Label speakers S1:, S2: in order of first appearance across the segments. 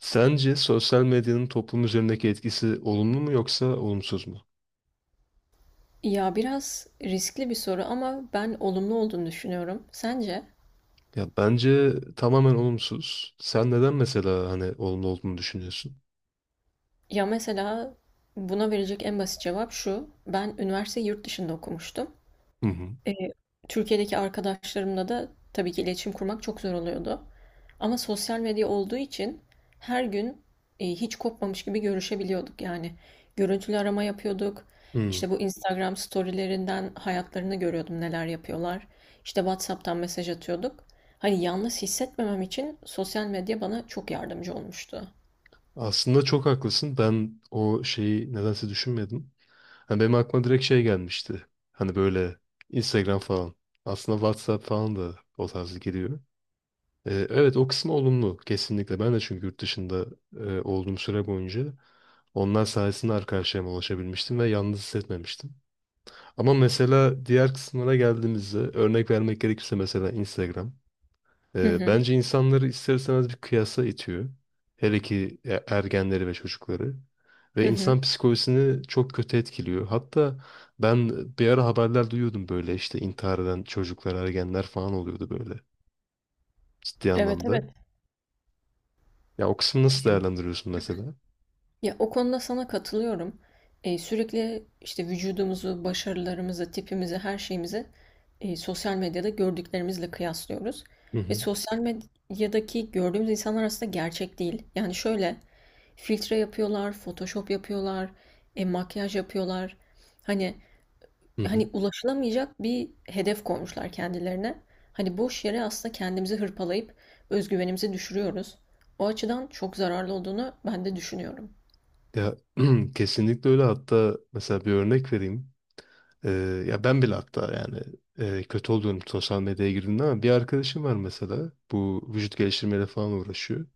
S1: Sence sosyal medyanın toplum üzerindeki etkisi olumlu mu yoksa olumsuz mu?
S2: Ya biraz riskli bir soru ama ben olumlu olduğunu düşünüyorum. Sence?
S1: Ya bence tamamen olumsuz. Sen neden mesela hani olumlu olduğunu düşünüyorsun?
S2: Ya mesela buna verecek en basit cevap şu. Ben üniversite yurt dışında okumuştum.
S1: Hı hı.
S2: Ee, Türkiye'deki arkadaşlarımla da tabii ki iletişim kurmak çok zor oluyordu. Ama sosyal medya olduğu için her gün hiç kopmamış gibi görüşebiliyorduk yani. Görüntülü arama yapıyorduk.
S1: Hı.
S2: İşte bu Instagram storylerinden hayatlarını görüyordum, neler yapıyorlar. İşte WhatsApp'tan mesaj atıyorduk. Hani yalnız hissetmemem için sosyal medya bana çok yardımcı olmuştu.
S1: Aslında çok haklısın. Ben o şeyi nedense düşünmedim. Hani benim aklıma direkt şey gelmişti. Hani böyle Instagram falan. Aslında WhatsApp falan da o tarzı geliyor. Evet, o kısmı olumlu kesinlikle. Ben de çünkü yurt dışında olduğum süre boyunca onlar sayesinde arkadaşlarıma ulaşabilmiştim ve yalnız hissetmemiştim. Ama mesela diğer kısımlara geldiğimizde örnek vermek gerekirse mesela Instagram.
S2: Hı hı,
S1: Bence insanları ister istemez bir kıyasa itiyor. Hele ki ergenleri ve çocukları. Ve
S2: hı hı.
S1: insan psikolojisini çok kötü etkiliyor. Hatta ben bir ara haberler duyuyordum böyle işte intihar eden çocuklar, ergenler falan oluyordu böyle ciddi
S2: Evet,
S1: anlamda.
S2: evet.
S1: Ya o kısmı nasıl değerlendiriyorsun mesela?
S2: Ya o konuda sana katılıyorum. Sürekli işte vücudumuzu, başarılarımızı, tipimizi, her şeyimizi sosyal medyada gördüklerimizle kıyaslıyoruz.
S1: Hı
S2: Ve
S1: hı.
S2: sosyal medyadaki gördüğümüz insanlar aslında gerçek değil. Yani şöyle, filtre yapıyorlar, Photoshop yapıyorlar, makyaj yapıyorlar. Hani
S1: Hı hı.
S2: hani ulaşılamayacak bir hedef koymuşlar kendilerine. Hani boş yere aslında kendimizi hırpalayıp özgüvenimizi düşürüyoruz. O açıdan çok zararlı olduğunu ben de düşünüyorum.
S1: Ya kesinlikle öyle. Hatta mesela bir örnek vereyim. Ya ben bile hatta yani kötü olduğum sosyal medyaya girdiğimde ama bir arkadaşım var mesela. Bu vücut geliştirmeyle falan uğraşıyor.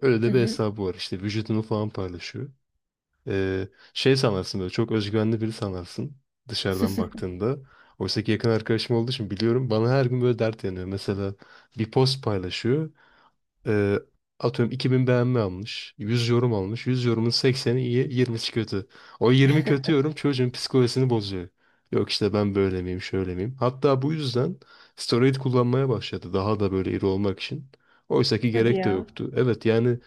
S1: Öyle
S2: Hı
S1: de bir
S2: hı.
S1: hesabı var işte vücudunu falan paylaşıyor. Ee, Şey sanarsın böyle çok özgüvenli biri sanarsın dışarıdan baktığında. Oysa ki yakın arkadaşım olduğu için biliyorum bana her gün böyle dert yanıyor. Mesela bir post paylaşıyor. Ee, Atıyorum 2000 beğenme almış. 100 yorum almış. 100 yorumun 80'i iyi, 20'si kötü. O 20 kötü yorum çocuğun psikolojisini bozuyor. Yok işte ben böyle miyim, şöyle miyim? Hatta bu yüzden steroid kullanmaya başladı. Daha da böyle iri olmak için. Oysa ki
S2: Hadi
S1: gerek de
S2: ya.
S1: yoktu. Evet yani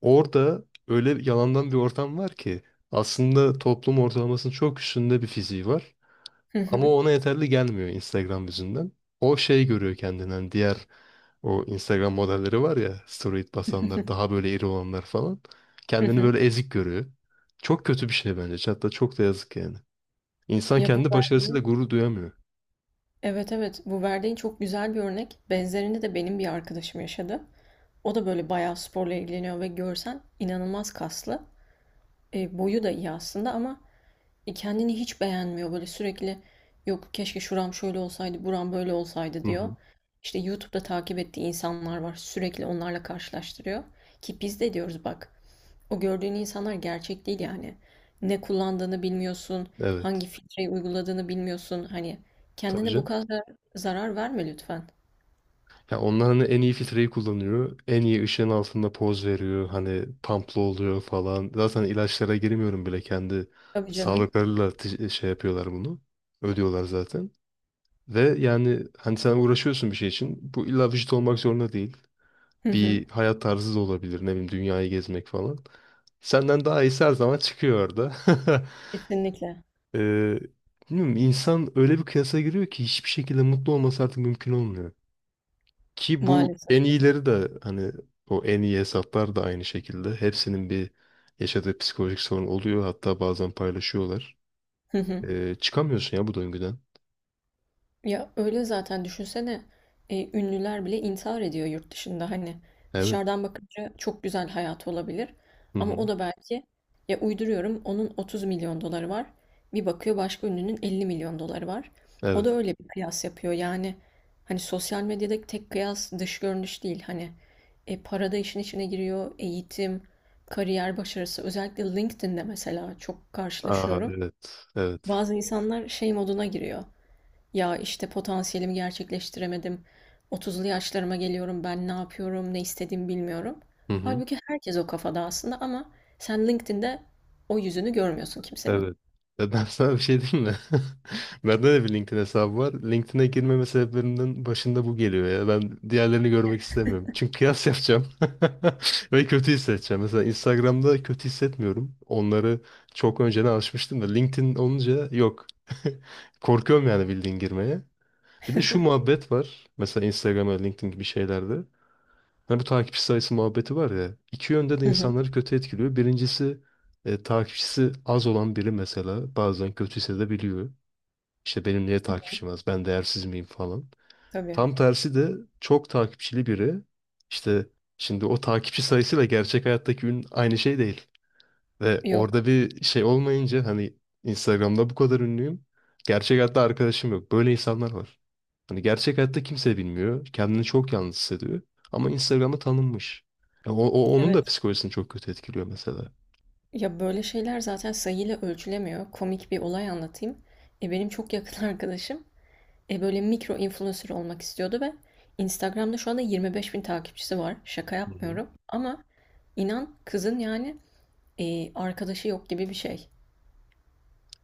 S1: orada öyle yalandan bir ortam var ki aslında toplum ortalamasının çok üstünde bir fiziği var.
S2: Hı
S1: Ama
S2: hı.
S1: ona yeterli gelmiyor Instagram yüzünden. O şey görüyor kendinden. Diğer o Instagram modelleri var ya, steroid basanlar, daha böyle iri olanlar falan.
S2: Hı
S1: Kendini
S2: hı.
S1: böyle ezik görüyor. Çok kötü bir şey bence. Hatta çok da yazık yani. İnsan
S2: Ya bu
S1: kendi başarısıyla
S2: verdiğin,
S1: gurur duyamıyor.
S2: evet, evet, bu verdiğin çok güzel bir örnek. Benzerini de benim bir arkadaşım yaşadı. O da böyle bayağı sporla ilgileniyor ve görsen inanılmaz kaslı. Boyu da iyi aslında ama kendini hiç beğenmiyor. Böyle sürekli, yok keşke şuram şöyle olsaydı, buram böyle olsaydı
S1: Hı
S2: diyor.
S1: hı.
S2: İşte YouTube'da takip ettiği insanlar var. Sürekli onlarla karşılaştırıyor. Ki biz de diyoruz bak, o gördüğün insanlar gerçek değil yani. Ne kullandığını bilmiyorsun,
S1: Evet.
S2: hangi filtreyi uyguladığını bilmiyorsun. Hani
S1: Tabii
S2: kendine bu
S1: canım.
S2: kadar zarar verme lütfen.
S1: Ya onlar hani en iyi filtreyi kullanıyor. En iyi ışığın altında poz veriyor. Hani pamplı oluyor falan. Zaten ilaçlara girmiyorum bile. Kendi
S2: Tabii canım.
S1: sağlıklarıyla şey yapıyorlar bunu. Ödüyorlar zaten. Ve yani hani sen uğraşıyorsun bir şey için. Bu illa vücut olmak zorunda değil.
S2: Hı hı.
S1: Bir hayat tarzı da olabilir. Ne bileyim dünyayı gezmek falan. Senden daha iyisi her zaman çıkıyor orada.
S2: Kesinlikle.
S1: ee, Bilmiyorum, insan öyle bir kıyasa giriyor ki hiçbir şekilde mutlu olması artık mümkün olmuyor. Ki bu
S2: Maalesef.
S1: en iyileri de hani o en iyi hesaplar da aynı şekilde. Hepsinin bir yaşadığı psikolojik sorun oluyor. Hatta bazen paylaşıyorlar. Çıkamıyorsun ya bu döngüden.
S2: Ya öyle zaten, düşünsene, ünlüler bile intihar ediyor yurt dışında. Hani
S1: Evet.
S2: dışarıdan bakınca çok güzel hayatı olabilir,
S1: Hı
S2: ama o
S1: hı.
S2: da belki, ya uyduruyorum, onun 30 milyon doları var, bir bakıyor başka ünlünün 50 milyon doları var, o
S1: Evet.
S2: da öyle bir kıyas yapıyor yani. Hani sosyal medyadaki tek kıyas dış görünüş değil, hani para da işin içine giriyor, eğitim, kariyer başarısı. Özellikle LinkedIn'de mesela çok
S1: Aa,
S2: karşılaşıyorum,
S1: evet. Evet.
S2: bazı insanlar şey moduna giriyor, ya işte potansiyelimi gerçekleştiremedim. 30'lu yaşlarıma geliyorum, ben ne yapıyorum, ne istediğimi bilmiyorum.
S1: Hı hı.
S2: Halbuki herkes o kafada aslında, ama sen LinkedIn'de o yüzünü görmüyorsun kimsenin.
S1: Evet. Ya ben sana bir şey diyeyim mi? Bende de bir LinkedIn hesabı var. LinkedIn'e girmeme sebeplerinden başında bu geliyor ya. Ben diğerlerini görmek istemiyorum. Çünkü kıyas yapacağım. Ve kötü hissedeceğim. Mesela Instagram'da kötü hissetmiyorum. Onları çok önceden alışmıştım da LinkedIn olunca yok. Korkuyorum yani bildiğin girmeye. Bir de şu muhabbet var. Mesela Instagram'a, LinkedIn gibi şeylerde. Hani bu takipçi sayısı muhabbeti var ya. İki yönde de
S2: Hı hı,
S1: insanları kötü etkiliyor. Birincisi takipçisi az olan biri mesela bazen kötü hissedebiliyor. İşte benim niye takipçim az? Ben değersiz miyim falan.
S2: tabii.
S1: Tam tersi de çok takipçili biri işte şimdi o takipçi sayısıyla gerçek hayattaki ün aynı şey değil. Ve
S2: Yok.
S1: orada bir şey olmayınca hani Instagram'da bu kadar ünlüyüm. Gerçek hayatta arkadaşım yok. Böyle insanlar var. Hani gerçek hayatta kimse bilmiyor. Kendini çok yalnız hissediyor. Ama Instagram'da tanınmış. Ya onun da
S2: Evet.
S1: psikolojisini çok kötü etkiliyor mesela.
S2: Ya böyle şeyler zaten sayıyla ölçülemiyor. Komik bir olay anlatayım. Benim çok yakın arkadaşım böyle mikro influencer olmak istiyordu ve Instagram'da şu anda 25 bin takipçisi var. Şaka
S1: Hı hı.
S2: yapmıyorum. Ama inan kızın yani arkadaşı yok gibi bir şey.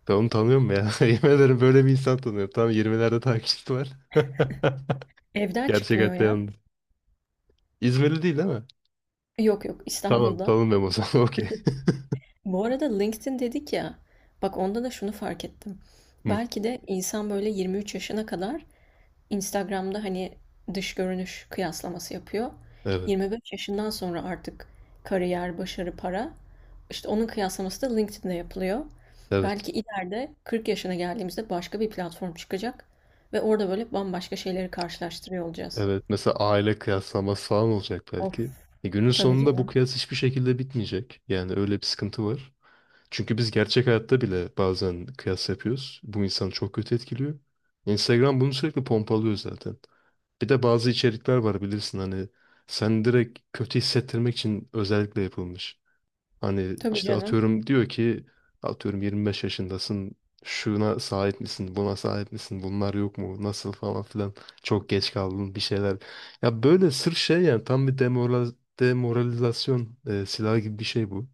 S1: Ben onu tanıyorum ya. Yemin ederim böyle bir insan tanıyorum. Tam 20'lerde takipçisi var.
S2: Evden
S1: Gerçek
S2: çıkmıyor
S1: hayatta
S2: ya.
S1: yalnız. İzmirli değil değil mi?
S2: Yok yok,
S1: Tamam,
S2: İstanbul'da.
S1: tanımıyorum o zaman. Okey.
S2: Bu arada LinkedIn dedik ya. Bak, onda da şunu fark ettim.
S1: Hı.
S2: Belki de insan böyle 23 yaşına kadar Instagram'da hani dış görünüş kıyaslaması yapıyor.
S1: Evet.
S2: 25 yaşından sonra artık kariyer, başarı, para. İşte onun kıyaslaması da LinkedIn'de yapılıyor.
S1: Evet.
S2: Belki ileride 40 yaşına geldiğimizde başka bir platform çıkacak ve orada böyle bambaşka şeyleri karşılaştırıyor olacağız.
S1: Evet. Mesela aile kıyaslaması falan olacak
S2: Of.
S1: belki. E günün
S2: Tabii
S1: sonunda bu
S2: canım.
S1: kıyas hiçbir şekilde bitmeyecek. Yani öyle bir sıkıntı var. Çünkü biz gerçek hayatta bile bazen kıyas yapıyoruz. Bu insanı çok kötü etkiliyor. Instagram bunu sürekli pompalıyor zaten. Bir de bazı içerikler var bilirsin hani sen direkt kötü hissettirmek için özellikle yapılmış. Hani
S2: Tabii
S1: işte
S2: canım.
S1: atıyorum diyor ki atıyorum 25 yaşındasın şuna sahip misin buna sahip misin bunlar yok mu nasıl falan filan çok geç kaldın bir şeyler. Ya böyle sırf şey yani tam bir demoralizasyon silahı gibi bir şey bu.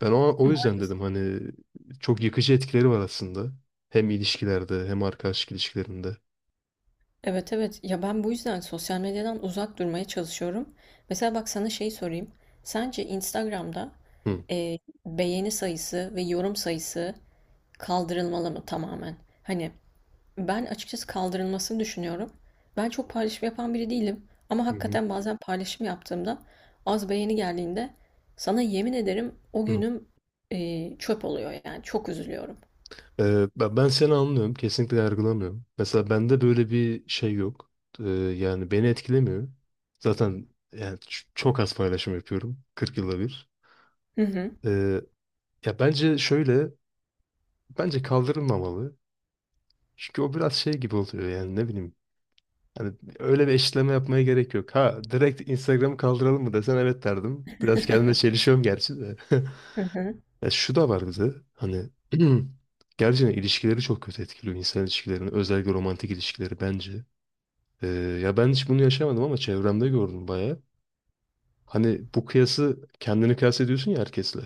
S1: Ben o yüzden
S2: Maalesef.
S1: dedim hani çok yıkıcı etkileri var aslında. Hem ilişkilerde hem arkadaşlık ilişkilerinde.
S2: Evet, evet, ya ben bu yüzden sosyal medyadan uzak durmaya çalışıyorum. Mesela bak, sana şey sorayım. Sence Instagram'da
S1: Hı.
S2: e, beğeni sayısı ve yorum sayısı kaldırılmalı mı tamamen? Hani ben açıkçası kaldırılmasını düşünüyorum. Ben çok paylaşım yapan biri değilim. Ama
S1: Hı hı.
S2: hakikaten bazen paylaşım yaptığımda az beğeni geldiğinde, sana yemin ederim o
S1: Hı.
S2: günüm çöp oluyor, yani çok üzülüyorum.
S1: Ben seni anlıyorum. Kesinlikle yargılamıyorum. Mesela bende böyle bir şey yok. Ee, Yani beni etkilemiyor. Zaten yani çok az paylaşım yapıyorum. 40 yılda bir.
S2: Hı hı.
S1: Ee, Ya bence şöyle. Bence kaldırılmamalı. Çünkü o biraz şey gibi oluyor yani ne bileyim. Hani öyle bir eşitleme yapmaya gerek yok. Ha direkt Instagram'ı kaldıralım mı desen evet derdim. Biraz kendime çelişiyorum gerçi de.
S2: Hı hı.
S1: Ya şu da var bize. Hani gerçekten ilişkileri çok kötü etkiliyor. İnsan ilişkilerini. Özellikle romantik ilişkileri bence. Ee, Ya ben hiç bunu yaşamadım ama çevremde gördüm bayağı. Hani bu kıyası kendini kıyas ediyorsun ya herkesle.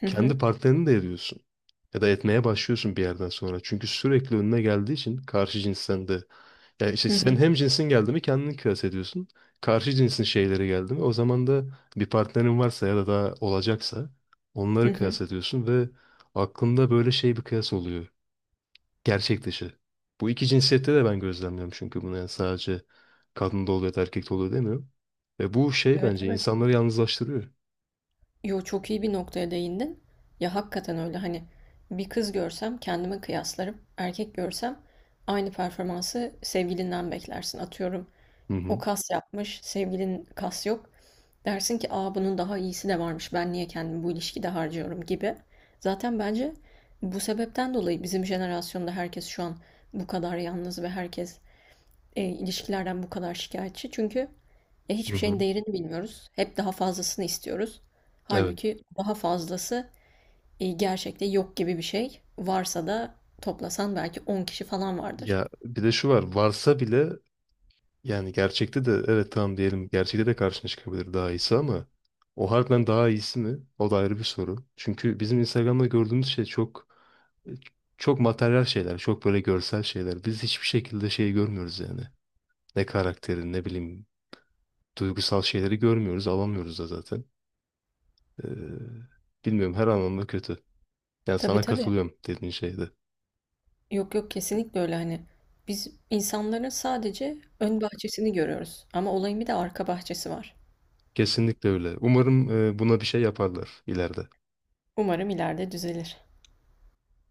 S2: Hı hı.
S1: Kendi partnerini de ediyorsun. Ya da etmeye başlıyorsun bir yerden sonra. Çünkü sürekli önüne geldiği için karşı cinsten de ya işte
S2: Hı
S1: sen
S2: hı.
S1: hem cinsin geldi mi kendini kıyas ediyorsun. Karşı cinsin şeyleri geldi mi o zaman da bir partnerin varsa ya da daha olacaksa
S2: Hı
S1: onları
S2: hı.
S1: kıyas ediyorsun ve aklında böyle şey bir kıyas oluyor. Gerçek dışı. Bu iki cinsiyette de ben gözlemliyorum çünkü bunu yani sadece kadında oluyor ya da erkekte oluyor demiyorum. Ve bu şey
S2: Evet,
S1: bence
S2: evet.
S1: insanları yalnızlaştırıyor.
S2: Yo, çok iyi bir noktaya değindin. Ya hakikaten öyle hani, bir kız görsem kendime kıyaslarım. Erkek görsem aynı performansı sevgilinden beklersin. Atıyorum,
S1: Hı
S2: o
S1: hı.
S2: kas yapmış, sevgilin kas yok. Dersin ki aa, bunun daha iyisi de varmış. Ben niye kendimi bu ilişkide harcıyorum gibi. Zaten bence bu sebepten dolayı bizim jenerasyonda herkes şu an bu kadar yalnız ve herkes ilişkilerden bu kadar şikayetçi. Çünkü
S1: Hı
S2: hiçbir
S1: hı.
S2: şeyin değerini bilmiyoruz. Hep daha fazlasını istiyoruz.
S1: Evet.
S2: Halbuki daha fazlası gerçekte yok gibi bir şey. Varsa da toplasan belki 10 kişi falan vardır.
S1: Ya bir de şu var varsa bile. Yani gerçekte de evet tamam diyelim gerçekte de karşına çıkabilir daha iyisi ama o harbiden daha iyisi mi? O da ayrı bir soru. Çünkü bizim Instagram'da gördüğümüz şey çok çok materyal şeyler, çok böyle görsel şeyler. Biz hiçbir şekilde şeyi görmüyoruz yani. Ne karakterin, ne bileyim duygusal şeyleri görmüyoruz, alamıyoruz da zaten. Ee, Bilmiyorum, her anlamda kötü. Yani
S2: Tabii,
S1: sana
S2: tabii.
S1: katılıyorum dediğin şeyde.
S2: Yok yok, kesinlikle öyle hani. Biz insanların sadece ön bahçesini görüyoruz. Ama olayın bir de arka bahçesi var.
S1: Kesinlikle öyle. Umarım buna bir şey yaparlar ileride.
S2: Umarım ileride düzelir.